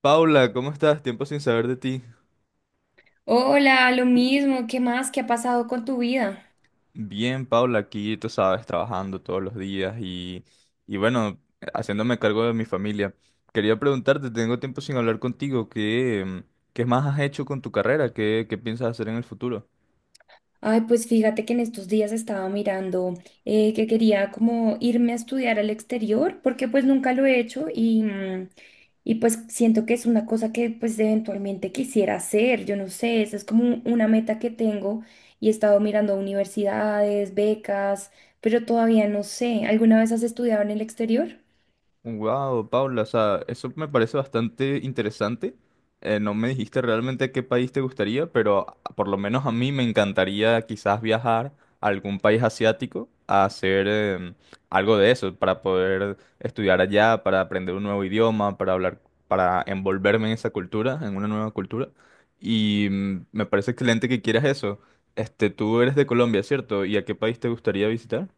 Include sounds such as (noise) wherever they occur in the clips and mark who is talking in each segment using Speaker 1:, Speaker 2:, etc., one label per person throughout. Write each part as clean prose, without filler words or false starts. Speaker 1: Paula, ¿cómo estás? Tiempo sin saber de ti.
Speaker 2: Hola, lo mismo, ¿qué más? ¿Qué ha pasado con tu vida?
Speaker 1: Bien, Paula, aquí tú sabes, trabajando todos los días y bueno, haciéndome cargo de mi familia. Quería preguntarte, tengo tiempo sin hablar contigo, ¿qué más has hecho con tu carrera? ¿Qué piensas hacer en el futuro?
Speaker 2: Ay, pues fíjate que en estos días estaba mirando que quería como irme a estudiar al exterior, porque pues nunca lo he hecho y pues siento que es una cosa que pues eventualmente quisiera hacer, yo no sé, esa es como una meta que tengo y he estado mirando universidades, becas, pero todavía no sé. ¿Alguna vez has estudiado en el exterior?
Speaker 1: Wow, Paula, o sea, eso me parece bastante interesante. No me dijiste realmente qué país te gustaría, pero por lo menos a mí me encantaría quizás viajar a algún país asiático a hacer algo de eso, para poder estudiar allá, para aprender un nuevo idioma, para hablar, para envolverme en esa cultura, en una nueva cultura. Y me parece excelente que quieras eso. Este, tú eres de Colombia, ¿cierto? ¿Y a qué país te gustaría visitar?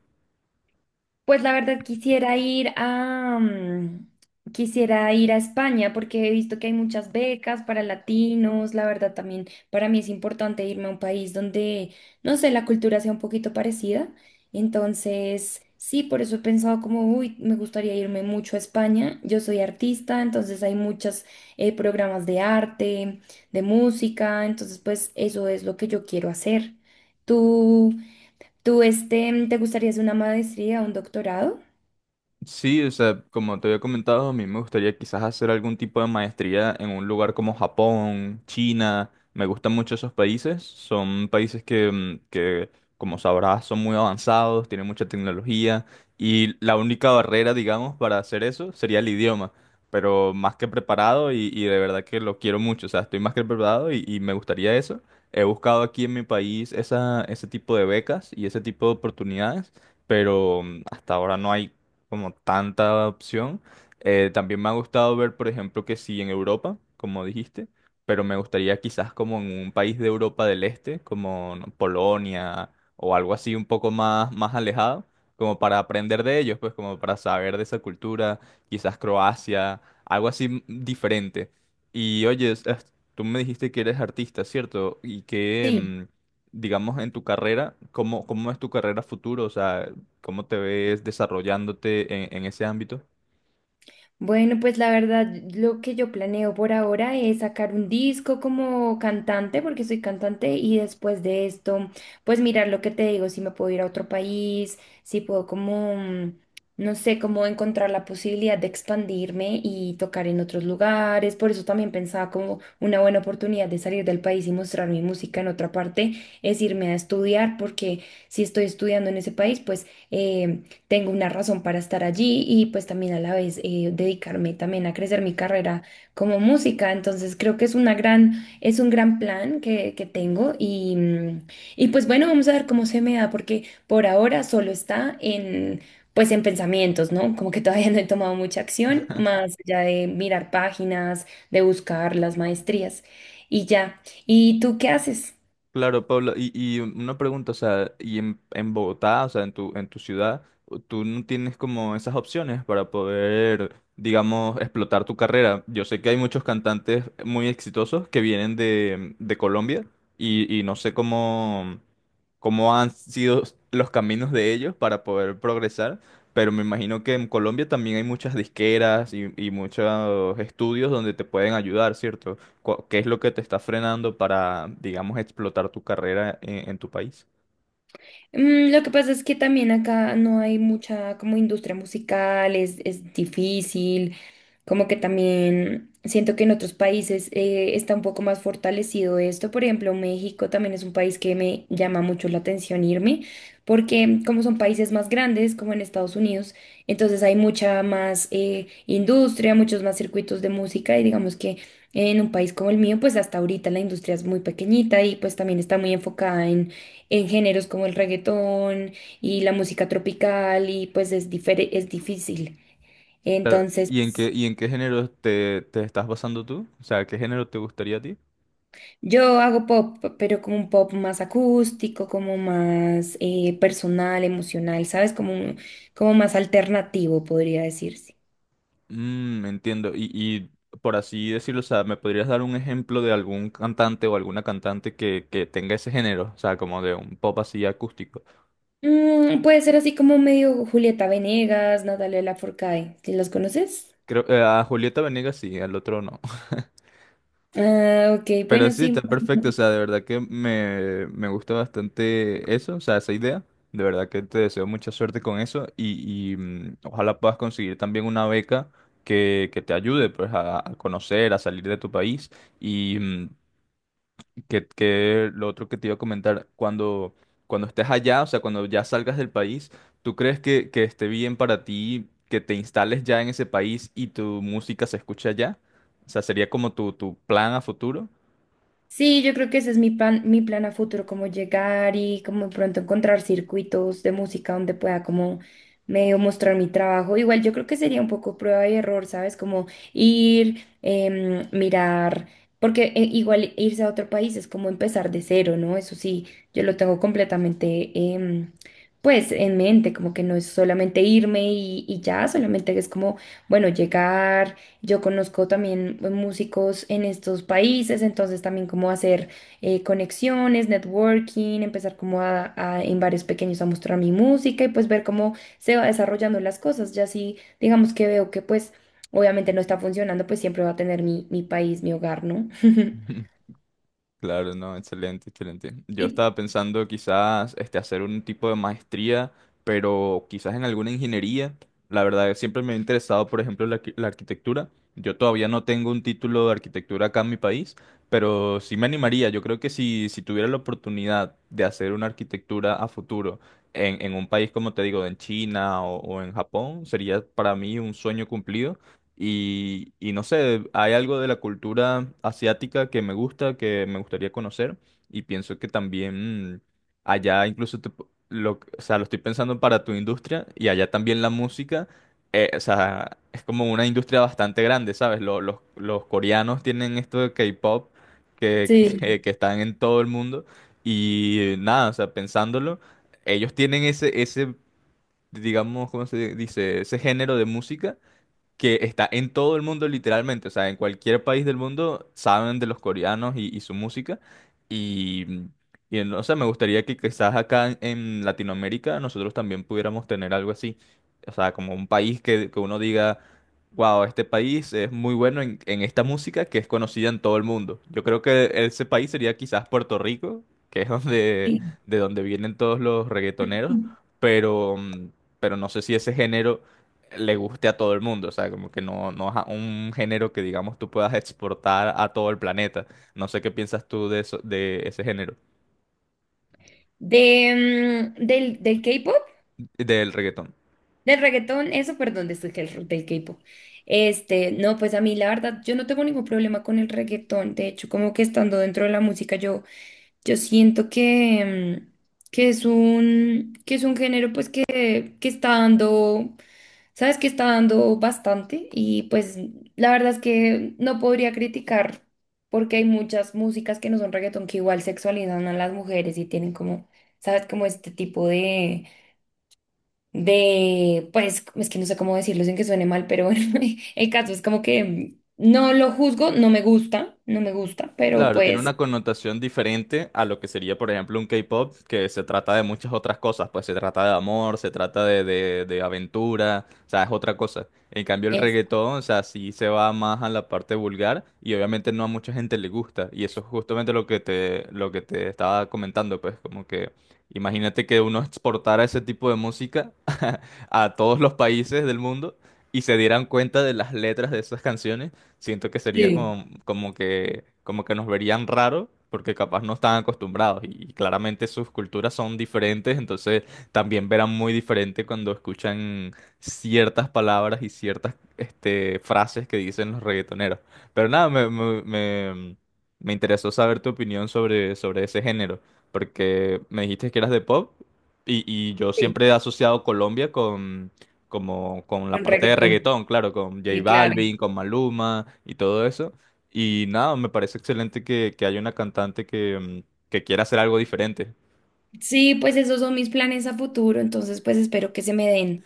Speaker 2: Pues la verdad quisiera quisiera ir a España porque he visto que hay muchas becas para latinos. La verdad también para mí es importante irme a un país donde, no sé, la cultura sea un poquito parecida. Entonces, sí, por eso he pensado como, uy, me gustaría irme mucho a España. Yo soy artista, entonces hay muchos programas de arte, de música. Entonces, pues eso es lo que yo quiero hacer. ¿Tú? ¿Tú este, te gustaría hacer una maestría, un doctorado?
Speaker 1: Sí, o sea, como te había comentado, a mí me gustaría quizás hacer algún tipo de maestría en un lugar como Japón, China. Me gustan mucho esos países. Son países que, como sabrás, son muy avanzados, tienen mucha tecnología y la única barrera, digamos, para hacer eso sería el idioma. Pero más que preparado y de verdad que lo quiero mucho. O sea, estoy más que preparado y me gustaría eso. He buscado aquí en mi país ese tipo de becas y ese tipo de oportunidades, pero hasta ahora no hay como tanta opción. También me ha gustado ver, por ejemplo, que sí en Europa, como dijiste, pero me gustaría quizás como en un país de Europa del Este, como no, Polonia o algo así un poco más alejado, como para aprender de ellos, pues como para saber de esa cultura, quizás Croacia, algo así diferente. Y oye, tú me dijiste que eres artista, ¿cierto? Y que...
Speaker 2: Sí.
Speaker 1: mm, digamos, en tu carrera, ¿cómo es tu carrera futuro? O sea, ¿cómo te ves desarrollándote en ese ámbito?
Speaker 2: Bueno, pues la verdad, lo que yo planeo por ahora es sacar un disco como cantante, porque soy cantante, y después de esto, pues mirar lo que te digo, si me puedo ir a otro país, si puedo no sé, como encontrar la posibilidad de expandirme y tocar en otros lugares. Por eso también pensaba como una buena oportunidad de salir del país y mostrar mi música en otra parte, es irme a estudiar, porque si estoy estudiando en ese país, tengo una razón para estar allí y pues también a la vez dedicarme también a crecer mi carrera como música. Entonces creo que es una gran, es un gran plan que tengo y pues bueno, vamos a ver cómo se me da porque por ahora solo está en... Pues en pensamientos, ¿no? Como que todavía no he tomado mucha acción, más allá de mirar páginas, de buscar las maestrías y ya. ¿Y tú qué haces?
Speaker 1: Claro, Pablo, y una pregunta, o sea, y en Bogotá, o sea, en en tu ciudad, tú no tienes como esas opciones para poder, digamos, explotar tu carrera. Yo sé que hay muchos cantantes muy exitosos que vienen de Colombia y no sé cómo. Cómo han sido los caminos de ellos para poder progresar, pero me imagino que en Colombia también hay muchas disqueras y muchos estudios donde te pueden ayudar, ¿cierto? ¿Qué es lo que te está frenando para, digamos, explotar tu carrera en tu país?
Speaker 2: Mm, lo que pasa es que también acá no hay mucha como industria musical, es difícil, como que también siento que en otros países está un poco más fortalecido esto. Por ejemplo, México también es un país que me llama mucho la atención irme, porque como son países más grandes, como en Estados Unidos, entonces hay mucha más industria, muchos más circuitos de música y digamos que en un país como el mío, pues hasta ahorita la industria es muy pequeñita y pues también está muy enfocada en géneros como el reggaetón y la música tropical y pues es, es difícil.
Speaker 1: Claro,
Speaker 2: Entonces...
Speaker 1: ¿y en y en qué género te estás basando tú? O sea, ¿qué género te gustaría a ti?
Speaker 2: Yo hago pop, pero como un pop más acústico, como más personal, emocional, ¿sabes? Como, como más alternativo, podría decirse.
Speaker 1: Mm, entiendo. Y por así decirlo, o sea, ¿me podrías dar un ejemplo de algún cantante o alguna cantante que tenga ese género? O sea, como de un pop así acústico.
Speaker 2: Mm, puede ser así como medio Julieta Venegas, Natalia Lafourcade, ¿sí? ¿Los conoces?
Speaker 1: Creo, a Julieta Venegas sí, al otro no.
Speaker 2: Ah, ok,
Speaker 1: (laughs) Pero
Speaker 2: bueno,
Speaker 1: sí,
Speaker 2: sí.
Speaker 1: está perfecto. O sea, de verdad que me gusta bastante eso, o sea, esa idea. De verdad que te deseo mucha suerte con eso y ojalá puedas conseguir también una beca que te ayude pues a conocer, a salir de tu país. Y que lo otro que te iba a comentar, cuando, cuando estés allá, o sea, cuando ya salgas del país, ¿tú crees que esté bien para ti que te instales ya en ese país y tu música se escuche allá? O sea, ¿sería como tu plan a futuro?
Speaker 2: Sí, yo creo que ese es mi plan a futuro, como llegar y como de pronto encontrar circuitos de música donde pueda como medio mostrar mi trabajo. Igual yo creo que sería un poco prueba y error, ¿sabes? Como ir, em, mirar, porque igual irse a otro país es como empezar de cero, ¿no? Eso sí, yo lo tengo completamente, pues, en mente, como que no es solamente irme y ya, solamente es como, bueno, llegar. Yo conozco también pues, músicos en estos países, entonces también como hacer conexiones, networking, empezar como en bares pequeños a mostrar mi música y pues ver cómo se va desarrollando las cosas. Ya si digamos que veo que pues obviamente no está funcionando, pues siempre va a tener mi país, mi hogar, ¿no? (laughs)
Speaker 1: (laughs) Claro, no, excelente, excelente. Yo
Speaker 2: Y
Speaker 1: estaba pensando quizás este, hacer un tipo de maestría, pero quizás en alguna ingeniería. La verdad, siempre me ha interesado, por ejemplo, la arquitectura. Yo todavía no tengo un título de arquitectura acá en mi país, pero sí me animaría. Yo creo que si tuviera la oportunidad de hacer una arquitectura a futuro en un país, como te digo, en China o en Japón, sería para mí un sueño cumplido. Y no sé, hay algo de la cultura asiática que me gusta, que me gustaría conocer. Y pienso que también allá incluso o sea, lo estoy pensando para tu industria y allá también la música. O sea, es como una industria bastante grande, ¿sabes? Los coreanos tienen esto de K-pop que, (laughs)
Speaker 2: sí.
Speaker 1: que están en todo el mundo. Y nada, o sea, pensándolo, ellos tienen ese, digamos, ¿cómo se dice? Ese género de música que está en todo el mundo literalmente, o sea, en cualquier país del mundo saben de los coreanos y su música y, y no sé, me gustaría que quizás acá en Latinoamérica nosotros también pudiéramos tener algo así, o sea, como un país que uno diga, wow, este país es muy bueno en esta música que es conocida en todo el mundo. Yo creo que ese país sería quizás Puerto Rico, que es donde,
Speaker 2: y-
Speaker 1: de donde vienen todos los reggaetoneros, pero, pero no sé si ese género le guste a todo el mundo, o sea, como que no, un género que digamos tú puedas exportar a todo el planeta. No sé qué piensas tú de eso, de ese género,
Speaker 2: De, del K-pop.
Speaker 1: del reggaetón.
Speaker 2: Del reggaetón, eso, perdón, de esto que del K-pop. Este, no, pues a mí la verdad, yo no tengo ningún problema con el reggaetón. De hecho, como que estando dentro de la música, yo siento que es un género, pues, que está dando, sabes, que está dando bastante. Y pues, la verdad es que no podría criticar, porque hay muchas músicas que no son reggaetón que igual sexualizan a las mujeres y tienen como, sabes, como este tipo de, pues, es que no sé cómo decirlo sin que suene mal, pero bueno, (laughs) el caso es como que no lo juzgo, no me gusta, no me gusta, pero
Speaker 1: Claro, tiene
Speaker 2: pues,
Speaker 1: una connotación diferente a lo que sería, por ejemplo, un K-pop, que se trata de muchas otras cosas, pues se trata de amor, se trata de aventura, o sea, es otra cosa. En cambio, el
Speaker 2: es,
Speaker 1: reggaetón, o sea, sí se va más a la parte vulgar y obviamente no a mucha gente le gusta. Y eso es justamente lo que te estaba comentando, pues como que imagínate que uno exportara ese tipo de música (laughs) a todos los países del mundo y se dieran cuenta de las letras de esas canciones. Siento que sería como, como que nos verían raro porque capaz no están acostumbrados y claramente sus culturas son diferentes, entonces también verán muy diferente cuando escuchan ciertas palabras y ciertas este, frases que dicen los reggaetoneros. Pero nada, me interesó saber tu opinión sobre ese género, porque me dijiste que eras de pop y yo
Speaker 2: sí,
Speaker 1: siempre he asociado Colombia como con la
Speaker 2: con
Speaker 1: parte de
Speaker 2: reggaetón.
Speaker 1: reggaetón, claro, con J
Speaker 2: Sí, claro.
Speaker 1: Balvin, con Maluma y todo eso. Y nada, me parece excelente que haya una cantante que quiera hacer algo diferente.
Speaker 2: Sí, pues esos son mis planes a futuro, entonces pues espero que se me den,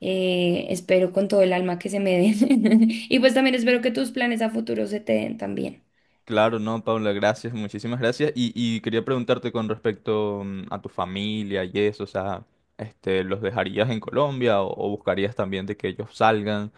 Speaker 2: espero con todo el alma que se me den. (laughs) Y pues también espero que tus planes a futuro se te den también.
Speaker 1: Claro, no, Paula, gracias, muchísimas gracias. Y quería preguntarte con respecto a tu familia y eso, o sea, este, ¿los dejarías en Colombia o buscarías también de que ellos salgan?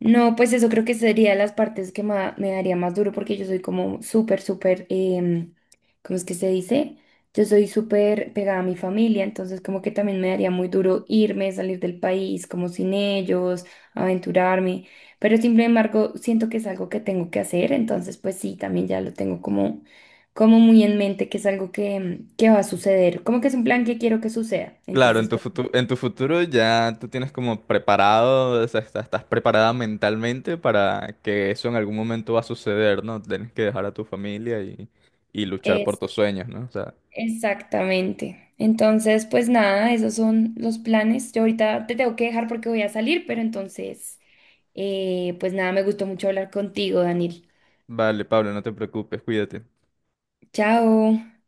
Speaker 2: No, pues eso creo que sería las partes que me daría más duro porque yo soy como súper, súper, ¿cómo es que se dice? Yo soy súper pegada a mi familia, entonces como que también me daría muy duro irme, salir del país como sin ellos, aventurarme, pero sin embargo siento que es algo que tengo que hacer, entonces pues sí, también ya lo tengo como, como muy en mente que es algo que va a suceder, como que es un plan que quiero que suceda,
Speaker 1: Claro,
Speaker 2: entonces
Speaker 1: en tu futuro ya tú tienes como preparado, o sea, estás preparada mentalmente para que eso en algún momento va a suceder, ¿no? Tienes que dejar a tu familia y luchar por
Speaker 2: pues...
Speaker 1: tus sueños, ¿no? O sea,
Speaker 2: Exactamente. Entonces, pues nada, esos son los planes. Yo ahorita te tengo que dejar porque voy a salir, pero entonces, pues nada, me gustó mucho hablar contigo, Daniel.
Speaker 1: vale, Pablo, no te preocupes, cuídate.
Speaker 2: Chao.